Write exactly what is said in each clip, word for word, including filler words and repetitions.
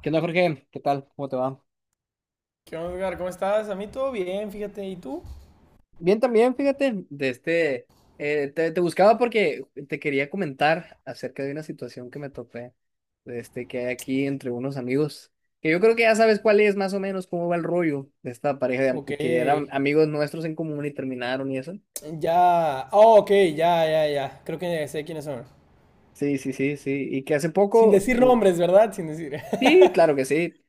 ¿Qué onda, Jorge? ¿Qué tal? ¿Cómo te va? ¿Qué onda, Edgar? ¿Cómo estás? A mí todo bien, fíjate. ¿Y tú? Bien también, fíjate, de este, eh, te, te buscaba porque te quería comentar acerca de una situación que me topé, de este, que hay aquí entre unos amigos, que yo creo que ya sabes cuál es, más o menos cómo va el rollo de esta pareja de am- Ok. que eran amigos nuestros en común y terminaron y eso. Ya. Oh, ok, ya, ya, ya. Creo que sé quiénes son. Sí, sí, sí, sí, y que hace Sin poco, decir u- nombres, ¿verdad? Sin decir. sí, claro que sí.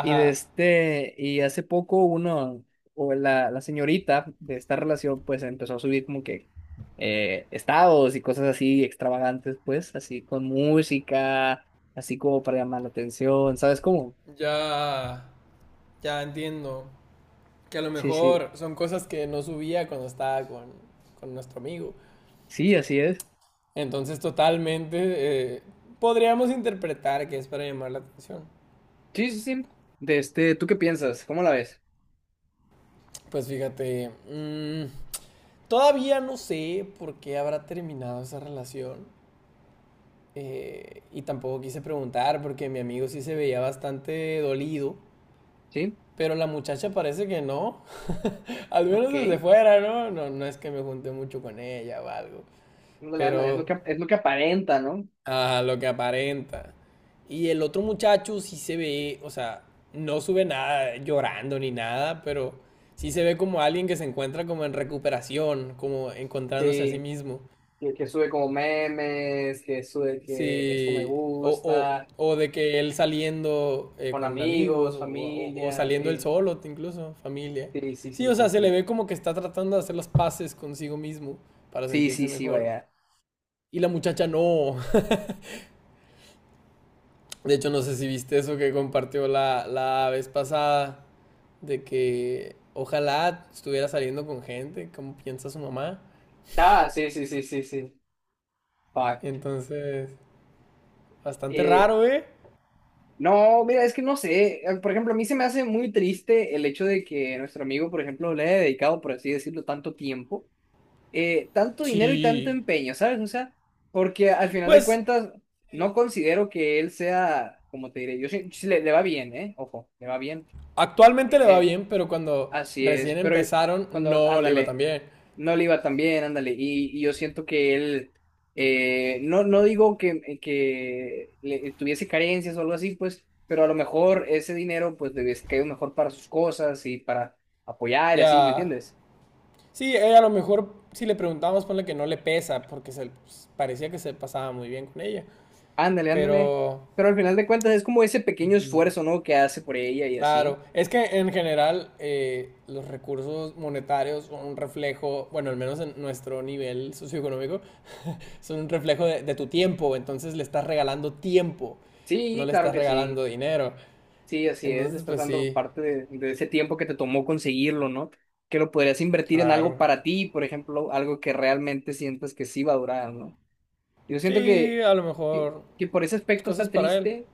Y de este, y hace poco uno, o la, la señorita de esta relación, pues empezó a subir como que eh, estados y cosas así extravagantes, pues, así con música, así como para llamar la atención, ¿sabes cómo? Ya. Ya entiendo. Que a lo Sí, sí, mejor son cosas que no subía cuando estaba con, con nuestro amigo. sí, así es. Entonces, totalmente eh, podríamos interpretar que es para llamar la atención. Sí, sí, sí. De este, ¿tú qué piensas? ¿Cómo la ves? Pues fíjate. mm, todavía no sé por qué habrá terminado esa relación. Eh, y tampoco quise preguntar porque mi amigo sí se veía bastante dolido, Sí, pero la muchacha parece que no, al menos desde ok. fuera, ¿no? No, no es que me junté mucho con ella o algo, Ándale, ándale, es lo pero que, es lo que aparenta, ¿no? a lo que aparenta. Y el otro muchacho sí se ve, o sea, no sube nada llorando ni nada, pero sí se ve como alguien que se encuentra como en recuperación, como encontrándose a sí Sí, mismo. que, que sube como memes, que sube que esto me Sí, o, gusta. o, o de que él saliendo eh, Con con amigos amigos, o, o- o familia, saliendo él sí. solo, t- incluso familia. Sí, sí, Sí, sí, o sí, sea, se le sí. ve como que está tratando de hacer las paces consigo mismo para Sí, sí, sentirse sí, mejor. vaya. Y la muchacha no. De hecho, no sé si viste eso que compartió la, la vez pasada, de que ojalá estuviera saliendo con gente, como piensa su mamá. Ah, sí, sí, sí, sí, sí. Fuck. Entonces, bastante Eh, raro, ¿eh? no, mira, es que no sé. eh, Por ejemplo, a mí se me hace muy triste el hecho de que nuestro amigo, por ejemplo, le haya dedicado, por así decirlo, tanto tiempo, eh, tanto dinero y tanto Sí. empeño, ¿sabes? O sea, porque al final de Pues cuentas, no considero que él sea, como te diré, yo sí, sí le, le va bien, ¿eh? Ojo, le va bien. actualmente eh le va eh, bien, pero cuando Así es, recién pero empezaron cuando, no le iba tan ándale, bien. no le iba tan bien, ándale, y, y yo siento que él, eh, no, no digo que, que le, tuviese carencias o algo así, pues, pero a lo mejor ese dinero, pues, le hubiese caído mejor para sus cosas y para apoyar y así, ¿me Ya. entiendes? Sí, ella a lo mejor, si le preguntamos, ponle que no le pesa, porque se, pues, parecía que se pasaba muy bien con ella. Ándale, ándale, Pero, pero al final de cuentas es como ese pequeño esfuerzo, ¿no? Que hace por ella y así. claro, es que en general eh, los recursos monetarios son un reflejo, bueno, al menos en nuestro nivel socioeconómico, son un reflejo de, de tu tiempo. Entonces le estás regalando tiempo, no Sí, le claro estás que regalando sí. dinero. Sí, así es, le Entonces, estás pues dando sí, parte de, de ese tiempo que te tomó conseguirlo, ¿no? Que lo podrías invertir en algo claro. para ti, por ejemplo, algo que realmente sientas que sí va a durar, ¿no? Yo siento Sí, que, a lo que, mejor que por ese aspecto cosas está para él. triste,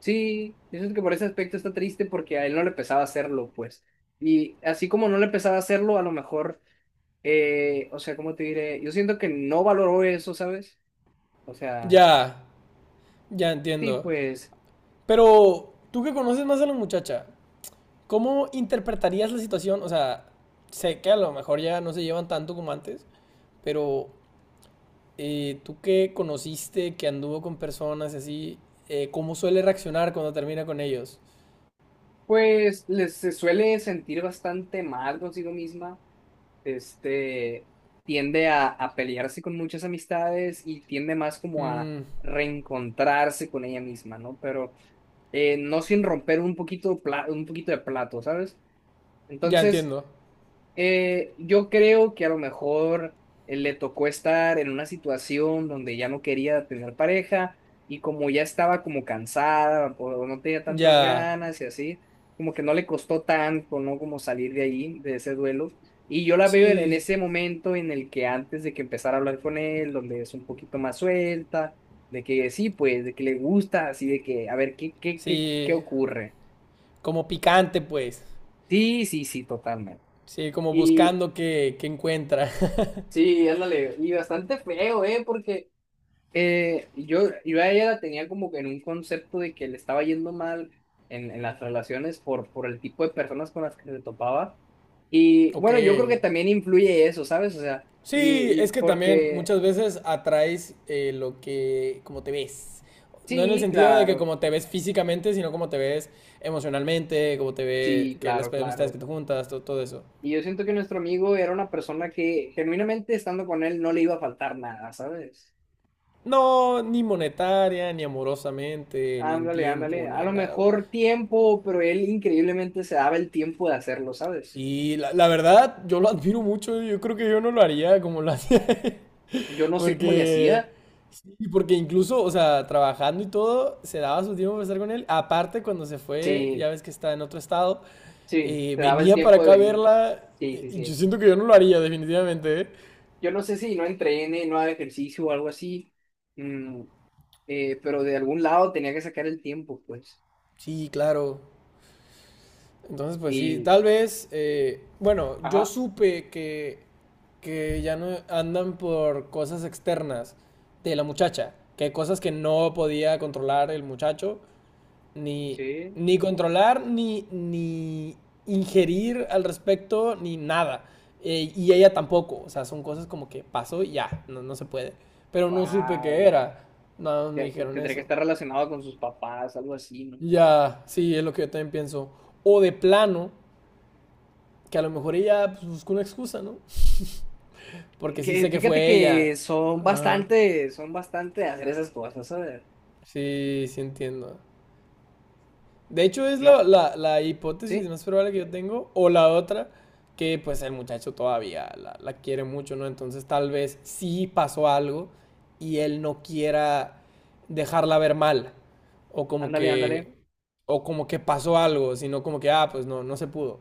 sí, yo siento que por ese aspecto está triste porque a él no le pesaba hacerlo, pues. Y así como no le pesaba hacerlo, a lo mejor, eh, o sea, ¿cómo te diré? Yo siento que no valoró eso, ¿sabes? O sea, Ya, ya sí, entiendo. pues, Pero tú que conoces más a la muchacha, ¿cómo interpretarías la situación? O sea, sé que a lo mejor ya no se llevan tanto como antes, pero eh, tú que conociste, que anduvo con personas y así, eh, ¿cómo suele reaccionar cuando termina con ellos? pues les se suele sentir bastante mal consigo misma, este, tiende a, a pelearse con muchas amistades y tiende más como a Mm, reencontrarse con ella misma, ¿no? Pero eh, no sin romper un poquito, pla- un poquito de plato, ¿sabes? ya Entonces, entiendo. eh, yo creo que a lo mejor eh, le tocó estar en una situación donde ya no quería tener pareja y como ya estaba como cansada o no tenía tantas Ya. ganas y así, como que no le costó tanto, ¿no? Como salir de ahí, de ese duelo. Y yo la veo en en Sí. ese momento en el que antes de que empezara a hablar con él, donde es un poquito más suelta, de que sí, pues, de que le gusta, así de que, a ver, ¿qué, qué, qué, qué Sí. ocurre? Como picante, pues. Sí, sí, sí, totalmente. Sí, como Y buscando que, que encuentra. sí, ándale, y bastante feo, ¿eh? Porque eh, yo, yo a ella la tenía como que en un concepto de que le estaba yendo mal en, en las relaciones por, por el tipo de personas con las que se topaba. Y bueno, yo creo Ok. que también influye eso, ¿sabes? O sea, y, Sí, es y que también porque muchas veces atraes eh, lo que, como te ves. No en el sí, sentido de que claro, como te ves físicamente, sino como te ves emocionalmente, como te ves, sí, que claro, las amistades claro. que te juntas, to- todo, eso. Y yo siento que nuestro amigo era una persona que genuinamente estando con él no le iba a faltar nada, ¿sabes? No, ni monetaria, ni amorosamente, ni en Ándale, ándale. tiempo, A ni lo en nada. mejor tiempo, pero él increíblemente se daba el tiempo de hacerlo, ¿sabes? Sí, la, la verdad, yo lo admiro mucho. Yo creo que yo no lo haría como lo hacía él. Yo no sé cómo le Porque, hacía. sí, porque incluso, o sea, trabajando y todo, se daba su tiempo para estar con él. Aparte, cuando se fue, Sí, ya ves que está en otro estado, sí, eh, se daba el venía para tiempo de acá a venir. verla. Sí, eh, sí, Y yo sí. siento que yo no lo haría, definitivamente, ¿eh? Yo no sé si no entrene, no haga ejercicio o algo así, mm, eh, pero de algún lado tenía que sacar el tiempo, pues. Sí, claro. Entonces, pues sí, Y, tal vez, eh, bueno, yo ajá, supe que, que ya no andan por cosas externas de la muchacha, que hay cosas que no podía controlar el muchacho, ni, sí, ni controlar, ni, ni ingerir al respecto, ni nada. Eh, y ella tampoco, o sea, son cosas como que pasó y ya, no, no se puede. Pero no supe qué wow. era, nada más me dijeron Tendría que eso. estar relacionado con sus papás, algo así, ¿no? Ya, sí, es lo que yo también pienso. O de plano que a lo mejor ella pues, buscó una excusa, ¿no? Porque sí Que, sé que fíjate fue ella. que son Ajá. bastante, son bastante de hacer esas cosas, ¿sabes? Sí, sí entiendo. De hecho, es No. la, la, la hipótesis Sí, más probable que yo tengo. O la otra, que pues el muchacho todavía la, la quiere mucho, ¿no? Entonces tal vez sí pasó algo y él no quiera dejarla ver mal. O como ándale, ándale. que. O como que pasó algo, sino como que, ah, pues no, no se pudo.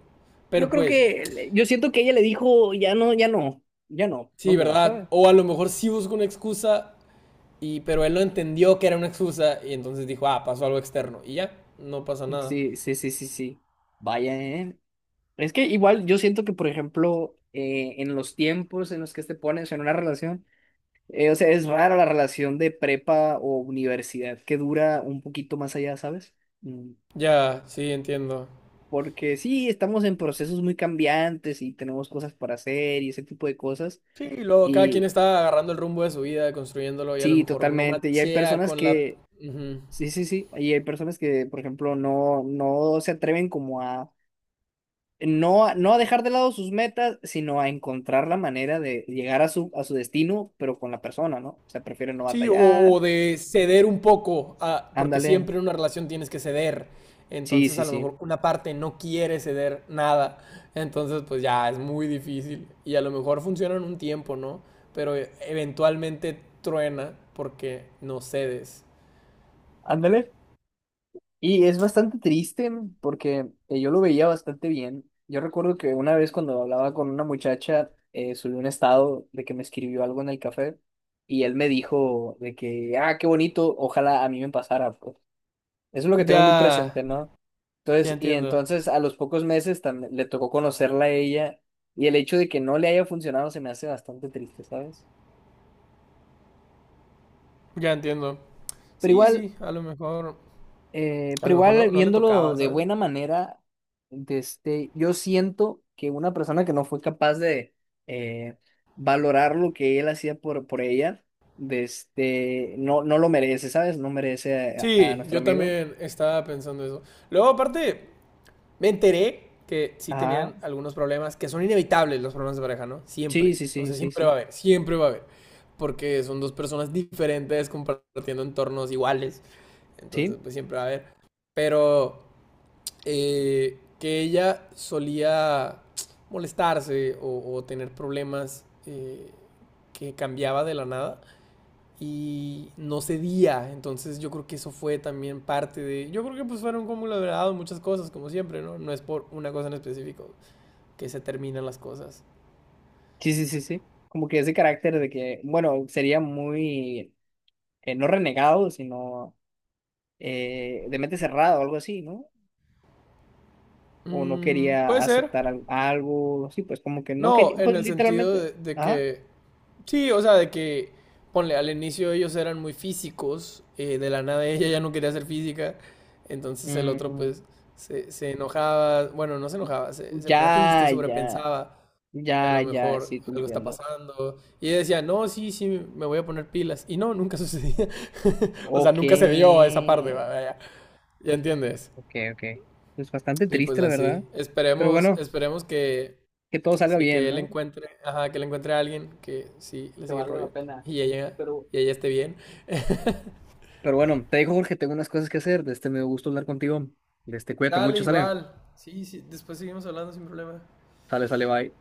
Yo Pero creo pues, que, le- yo siento que ella le dijo, ya no, ya no, ya no, no sí, more, ¿verdad? ¿sabes? O a lo mejor sí busco una excusa y, pero él no entendió que era una excusa y entonces dijo, ah, pasó algo externo. Y ya, no pasa nada. Sí, sí, sí, sí, sí. Vaya, ¿eh? Es que igual yo siento que, por ejemplo, eh, en los tiempos en los que te pones en una relación, eh, o sea, es rara la relación de prepa o universidad que dura un poquito más allá, ¿sabes? Mm, Ya, sí, entiendo. porque sí, estamos en procesos muy cambiantes y tenemos cosas para hacer y ese tipo de cosas. Sí, luego cada quien Y está agarrando el rumbo de su vida, construyéndolo y a lo sí, mejor no totalmente. Y hay machea personas con la... que Ujú. sí, sí, sí. Y hay personas que, por ejemplo, no, no se atreven como a no, a- no a dejar de lado sus metas, sino a encontrar la manera de llegar a su, a su destino, pero con la persona, ¿no? O sea, prefieren no Sí, o, batallar. o de ceder un poco, a- porque Ándale. siempre en una relación tienes que ceder. Sí, Entonces sí, a lo sí. mejor una parte no quiere ceder nada. Entonces pues ya es muy difícil. Y a lo mejor funcionan un tiempo, ¿no? Pero eh, eventualmente truena porque no cedes. Ándale. Y es bastante triste porque eh, yo lo veía bastante bien. Yo recuerdo que una vez cuando hablaba con una muchacha, eh, subí un estado de que me escribió algo en el café y él me dijo de que, ah, qué bonito, ojalá a mí me pasara. Pues". Eso es lo que tengo muy Ya, presente, ¿no? ya Entonces, y entiendo, entonces a los pocos meses también le tocó conocerla a ella y el hecho de que no le haya funcionado se me hace bastante triste, ¿sabes? ya entiendo. Pero Sí, igual, sí, a lo mejor, eh, a pero lo mejor igual no, no le viéndolo tocaba, de ¿sabes? buena manera, de este, yo siento que una persona que no fue capaz de eh, valorar lo que él hacía por, por ella, de este, no, no lo merece, ¿sabes? No merece a, a- a Sí, nuestro yo amigo. también estaba pensando eso. Luego, aparte, me enteré que sí Ajá, tenían algunos problemas, que son inevitables los problemas de pareja, ¿no? sí, Siempre. sí, O sí, sea, sí, siempre va a sí. haber, siempre va a haber. Porque son dos personas diferentes compartiendo entornos iguales. Entonces, Sí. pues siempre va a haber. Pero eh, que ella solía molestarse o, o tener problemas eh, que cambiaba de la nada y no cedía. Entonces yo creo que eso fue también parte de... Yo creo que pues fueron como de muchas cosas, como siempre, ¿no? No es por una cosa en específico que se terminan las cosas. Sí, sí, sí, sí. Como que ese carácter de que, bueno, sería muy, eh, no renegado, sino eh, de mente cerrada o algo así, ¿no? O no Mm, quería puede ser. aceptar al- algo, sí, pues como que no No, quería, pues en el sentido literalmente, de, de ajá. que sí, o sea, de que, ponle, al inicio ellos eran muy físicos, eh, de la nada ella ya no quería hacer física, entonces el otro Mm, pues se, se enojaba, bueno, no se enojaba, se, se ponía triste, ya, ya, sobrepensaba que a ya, lo ya, mejor sí, te algo está entiendo. pasando, y ella decía, no, sí, sí, me voy a poner pilas, y no, nunca sucedía, o sea, Ok, nunca se dio a esa parte, vaya, ya entiendes, ok, ok. Es bastante y pues triste, la así, verdad. Pero esperemos, bueno, esperemos que que todo salga sí, que bien, él ¿no? encuentre, ajá, que él encuentre a alguien que sí le Que sigue el valga la rollo pena. y ella, Pero y ella esté bien. Pero bueno, te dejo, Jorge, tengo unas cosas que hacer. De este me dio gusto hablar contigo. De este, cuídate Dale, mucho, sale. igual. Sí, sí, después seguimos hablando sin problema. Sale, sale, bye.